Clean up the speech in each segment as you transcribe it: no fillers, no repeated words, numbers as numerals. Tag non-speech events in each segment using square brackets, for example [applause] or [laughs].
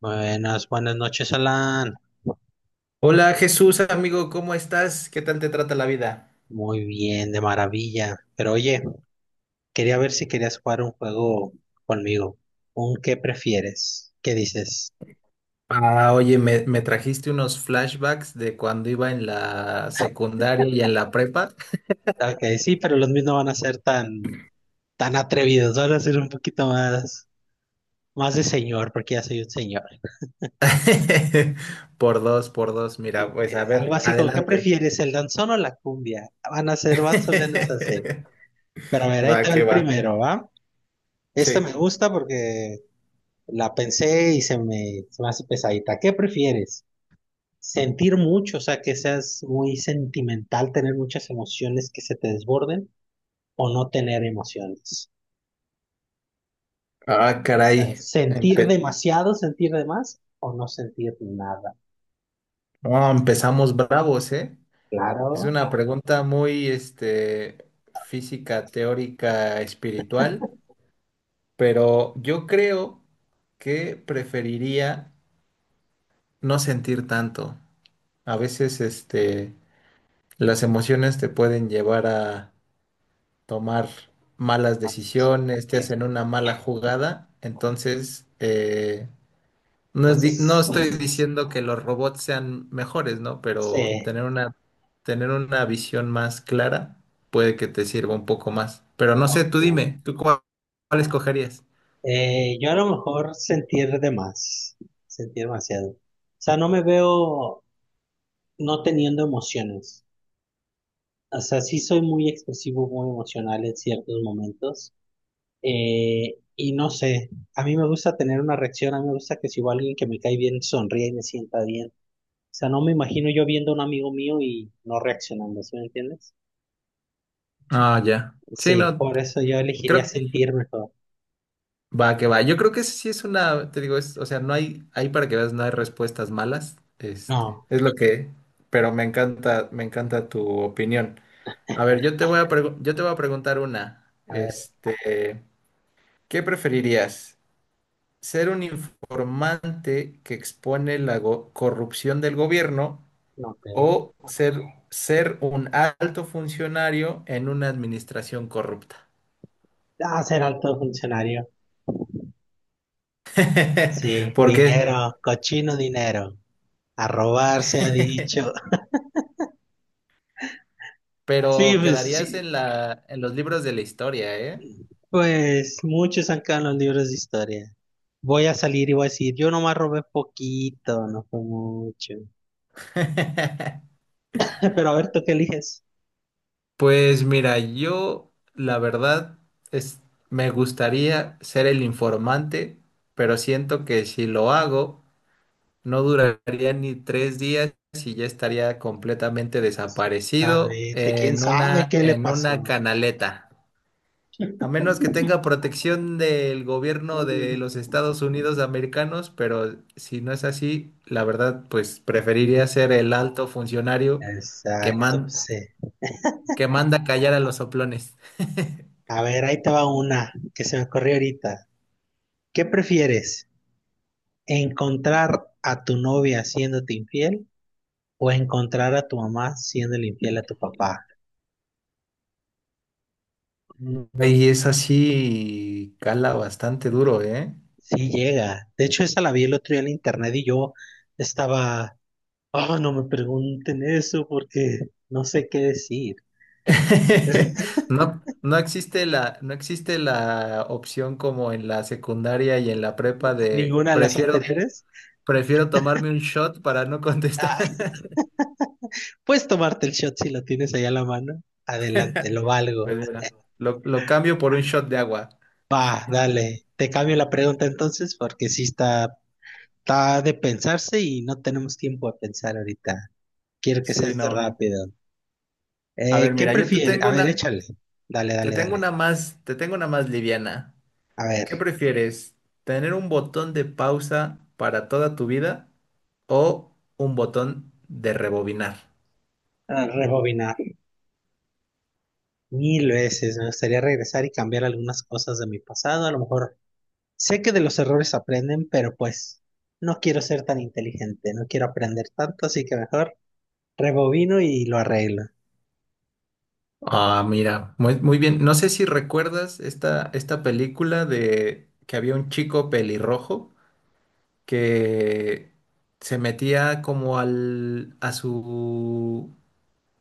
Buenas, buenas noches, Alan. Hola Jesús, amigo, ¿cómo estás? ¿Qué tal te trata la vida? Muy bien, de maravilla. Pero oye, quería ver si querías jugar un juego conmigo. ¿Un qué prefieres? ¿Qué dices? Ah, oye, me trajiste unos flashbacks de cuando iba en la secundaria y en la prepa. Ok, sí, pero los míos no van a ser tan, tan atrevidos. Van a ser un poquito más, más de señor, porque ya soy un señor. [laughs] Por dos, mira, Sí, pues a algo ver, así como, ¿qué adelante. prefieres, el danzón o la cumbia? Van a ser más o menos así. [laughs] Pero a ver, ahí Va, está que el va. primero, ¿va? Este me Sí. gusta porque la pensé y se me hace pesadita. ¿Qué prefieres? Sentir mucho, o sea, que seas muy sentimental, tener muchas emociones que se te desborden o no tener emociones. Ah, O sea, caray. sentir demasiado, sentir de más o no sentir nada. No, empezamos bravos, ¿eh? Es Claro. una pregunta muy, este, física, teórica, espiritual, pero yo creo que preferiría no sentir tanto. A veces, este, las emociones te pueden llevar a tomar malas Ah, decisiones, te bien. hacen una mala jugada. Entonces, no Entonces, estoy diciendo que los robots sean mejores, ¿no? Pero sí, tener una visión más clara puede que te sirva un poco más. Pero no sé, ok. tú dime, ¿tú cuál escogerías? Yo a lo mejor sentir de más, sentir demasiado. O sea, no me veo no teniendo emociones. O sea, sí soy muy expresivo, muy emocional en ciertos momentos. Y no sé, a mí me gusta tener una reacción, a mí me gusta que si va alguien que me cae bien sonríe y me sienta bien. O sea, no me imagino yo viendo a un amigo mío y no reaccionando, ¿sí me entiendes? Ah, ya. Sí, Sí, no, por eso yo elegiría creo. sentirme todo. Va, que va. Yo creo que sí es una, te digo, es, o sea, no hay, ahí para que veas, no hay respuestas malas. Este, No, es lo que, pero me encanta tu opinión. A ver, yo te voy a preguntar una. a ver, Este, ¿qué preferirías? ¿Ser un informante que expone la corrupción del gobierno no te. o ser un alto funcionario en una administración corrupta? Ah, ser alto funcionario. [laughs] Sí, ¿Por qué? dinero, cochino dinero. A robar se ha dicho. [laughs] Pero quedarías sí, en la, en los libros de la historia, ¿eh? pues muchos han quedado en los libros de historia. Voy a salir y voy a decir, yo nomás robé poquito, no fue mucho. [laughs] Pero a ver, ¿tú qué eliges? Pues mira, yo la verdad es, me gustaría ser el informante, pero siento que si lo hago, no duraría ni tres días y ya estaría completamente desaparecido Exactamente, quién sabe qué le en una pasó. canaleta. A menos que tenga protección del gobierno de Mm, los Estados Unidos americanos, pero si no es así, la verdad, pues preferiría mm. ser el alto funcionario que Exacto, man- sí. que manda callar a los soplones. A ver, ahí te va una que se me ocurrió ahorita. ¿Qué prefieres? ¿Encontrar a tu novia siéndote infiel o encontrar a tu mamá siéndole infiel a tu papá? Y es así, cala bastante duro, ¿eh? Sí llega. De hecho, esa la vi el otro día en internet y yo estaba, oh, no me pregunten eso porque no sé qué decir. [laughs] No, no existe la opción como en la secundaria y en la prepa de Ninguna de las anteriores. prefiero tomarme un shot para no contestar. Ah, puedes tomarte el shot si lo tienes ahí a la mano. Adelante, lo valgo. Pues mira, lo cambio por un shot de agua. Va, dale. Te cambio la pregunta entonces porque sí está, está de pensarse y no tenemos tiempo de pensar ahorita. Quiero que sea Sí, esto no. rápido. A ver, ¿Qué mira, yo te prefieres? tengo A ver, una, échale. Dale, dale, dale. Te tengo una más liviana. A ver, ¿Qué prefieres? ¿Tener un botón de pausa para toda tu vida o un botón de rebobinar? a rebobinar. Mil veces. Me gustaría regresar y cambiar algunas cosas de mi pasado. A lo mejor sé que de los errores aprenden, pero pues no quiero ser tan inteligente. No quiero aprender tanto, así que mejor rebobino y lo arreglo. Ah, mira, muy, muy bien. No sé si recuerdas esta película de que había un chico pelirrojo que se metía a su,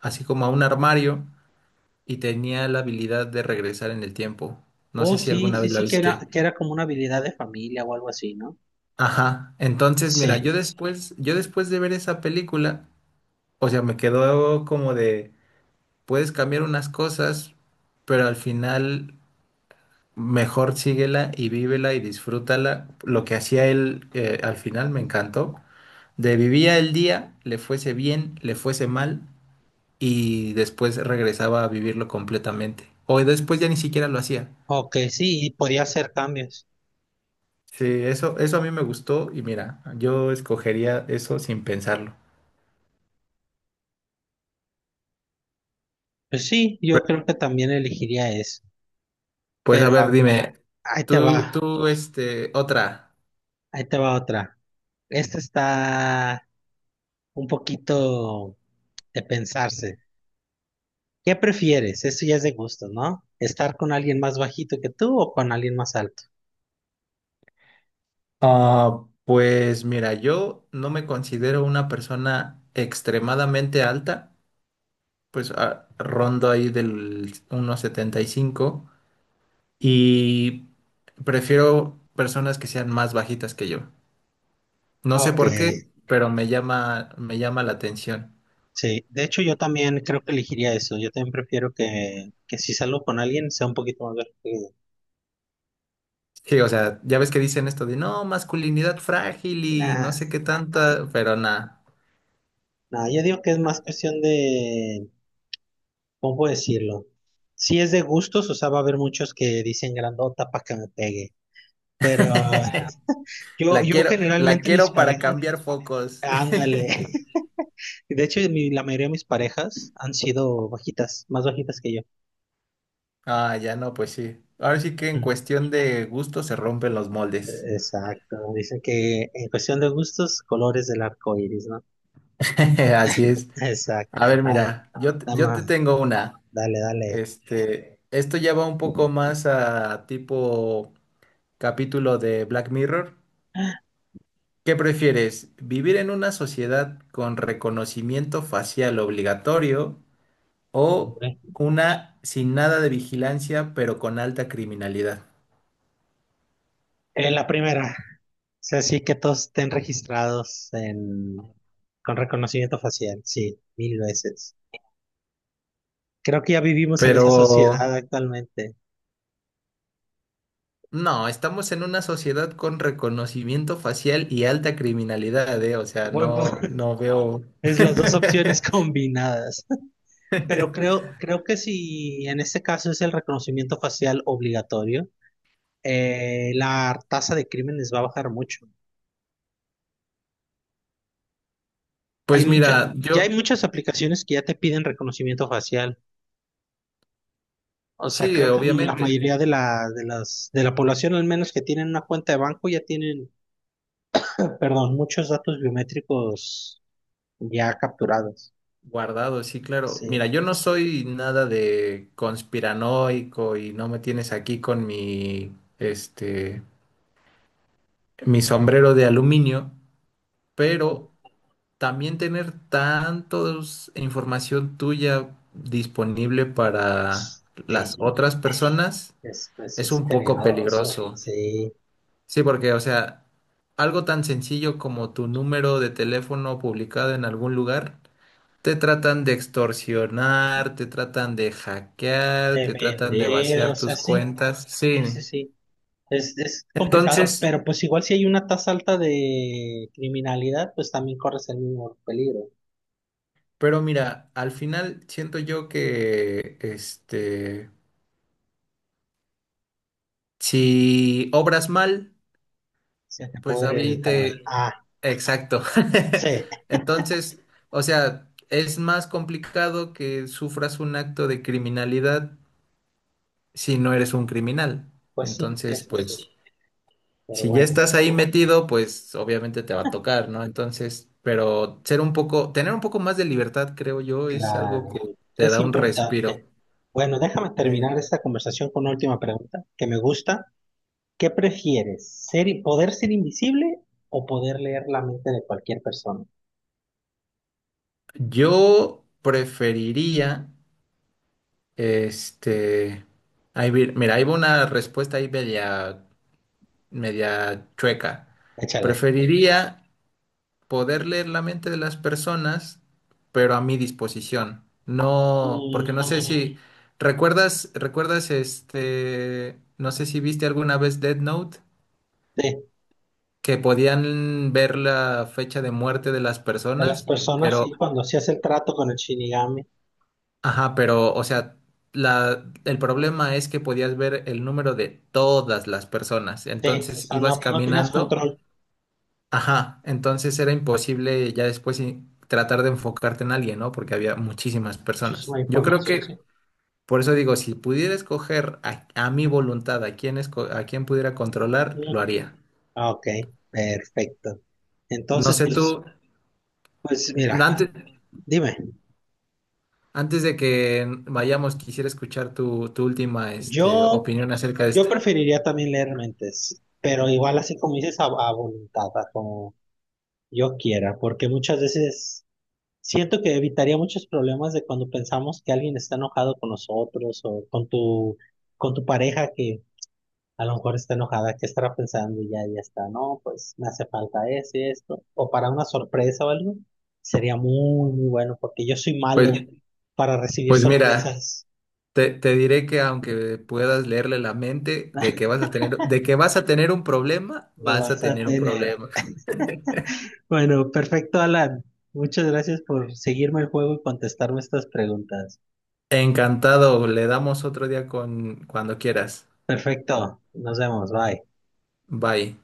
así como a un armario y tenía la habilidad de regresar en el tiempo. No Oh, sé si sí, alguna sí, vez la. Ah, sí, viste, sí. que era como una habilidad de familia o algo así, ¿no? Ajá. Entonces, mira, Sí. Yo después de ver esa película, o sea, me quedó como de, puedes cambiar unas cosas, pero al final mejor síguela y vívela y disfrútala. Lo que hacía él, al final me encantó. De vivía el día, le fuese bien, le fuese mal, y después regresaba a vivirlo completamente. O después ya ni siquiera lo hacía. Ok, sí, y podía hacer cambios. Sí, eso a mí me gustó y mira, yo escogería eso sin pensarlo. Pues sí, yo creo que también elegiría eso. Pues a Pero ver, a- dime, Ahí te va, este, otra. ahí te va otra. Esta está un poquito de pensarse. ¿Qué prefieres? Eso ya es de gusto, ¿no? ¿Estar con alguien más bajito que tú o con alguien más alto? Ah, pues mira, yo no me considero una persona extremadamente alta, pues ah, rondo ahí del 1.75 y prefiero personas que sean más bajitas que yo. No sé Ok, por qué, pero me llama la atención. sí. De hecho, yo también creo que elegiría eso. Yo también prefiero que si salgo con alguien sea un poquito más alto que yo. Sí, o sea, ya ves que dicen esto de no, masculinidad frágil y Nah, no sé qué tanta, pero nada. no, yo digo que es más cuestión de, ¿cómo puedo decirlo? Si es de gustos, o sea, va a haber muchos que dicen grandota para que me pegue. Pero yo La generalmente mis quiero para parejas, cambiar focos. [laughs] ándale. [laughs] De hecho, la mayoría de mis parejas han sido bajitas, más bajitas que yo. Ah, ya no, pues sí. Ahora sí que en Ujú. cuestión de gusto se rompen los moldes. Exacto. Dicen que en cuestión de gustos, colores del arco iris, ¿no? [laughs] Así es. A Exacto. A ver, ver, mira, yo te dama, tengo una. dale, dale. Este, esto ya va un poco más a tipo capítulo de Black Mirror. ¿Qué prefieres? ¿Vivir en una sociedad con reconocimiento facial obligatorio o Hombre. una sin nada de vigilancia, pero con alta criminalidad? La primera. O sea, sí que todos estén registrados en con reconocimiento facial, sí, mil veces. Creo que ya vivimos en Pero esa sociedad actualmente. no, estamos en una sociedad con reconocimiento facial y alta criminalidad, ¿eh? O sea, Buen pu- no, [laughs] no veo. es las dos opciones [laughs] [laughs] combinadas. Pero creo que si en este caso es el reconocimiento facial obligatorio, la tasa de crímenes va a bajar mucho. Pues mira, Ya hay yo, muchas aplicaciones que ya te piden reconocimiento facial. O sea, sí, creo que la obviamente, mayoría de la población, al menos que tienen una cuenta de banco, ya tienen, perdón, muchos datos biométricos ya capturados. guardado, sí, claro. Sí, Mira, yo no soy nada de conspiranoico y no me tienes aquí con mi, este, mi sombrero de aluminio, pero también tener tantos información tuya disponible para las sí, otras personas es, pues es es un poco peligroso, peligroso. sí, Sí, porque, o sea, algo tan sencillo como tu número de teléfono publicado en algún lugar, te tratan de extorsionar, te tratan de hackear, de te tratan de vender, o vaciar sea, tus sí, cuentas. sí, Sí. sí, es complicado, Entonces, pero pues igual si hay una tasa alta de criminalidad, pues también corres el mismo peligro, pero mira, al final siento yo que este, si obras mal, se te pues pudre ahí el tamaño. te... Ah, Exacto. sí, [laughs] Entonces, o sea, es más complicado que sufras un acto de criminalidad si no eres un criminal. pues sí, Entonces, eso sí, pues, pero si ya bueno, estás ahí metido, pues obviamente te va a tocar, ¿no? Entonces, pero ser un poco, tener un poco más de libertad, creo yo, es algo que claro, te es da un respiro. importante. Bueno, déjame terminar esta conversación con una última pregunta que me gusta. ¿Qué prefieres? Ser, ¿poder ser invisible o poder leer la mente de cualquier persona? Yo preferiría, este, mira, ahí va una respuesta ahí media chueca. Échale. Preferiría poder leer la mente de las personas, pero a mi disposición. No, porque no sé Mm, si. Mm, recuerdas este, no sé si viste alguna vez Death Note, sí, que podían ver la fecha de muerte de las de las personas, ah, personas, pero, sí, cuando hacías el trato con el Shinigami. ajá, pero, o sea, la, el problema es que podías ver el número de todas las personas. Sí, o Entonces sea, ibas no, no tenías caminando. control. Ajá, entonces era imposible ya después tratar de enfocarte en alguien, ¿no? Porque había muchísimas personas. Muchísima Yo creo información, sí. que, por eso digo, si pudiera escoger a mi voluntad a a quién pudiera controlar, Mm, lo haría. ok, perfecto. No Entonces, sé tú, pues, pues mira, antes, dime, antes de que vayamos, quisiera escuchar tu última, este, yo, opinión acerca de yo esta. preferiría también leer mentes, pero igual así como dices, a voluntad, a como yo quiera, porque muchas veces... Siento que evitaría muchos problemas de cuando pensamos que alguien está enojado con nosotros o con tu pareja que a lo mejor está enojada, que estará pensando y ya, ya está, no, pues me hace falta esto, o para una sorpresa o algo, sería muy, muy bueno porque yo soy malo Pues, para recibir pues mira, sorpresas. Te diré que aunque puedas leerle la mente de que [laughs] vas a tener, de que vas a tener un problema, Lo vas a vas a tener un tener. problema. Bueno, perfecto, Alan. Muchas gracias por seguirme el juego y contestarme estas preguntas. Encantado, le damos otro día con cuando quieras. Perfecto, nos vemos, bye. Bye.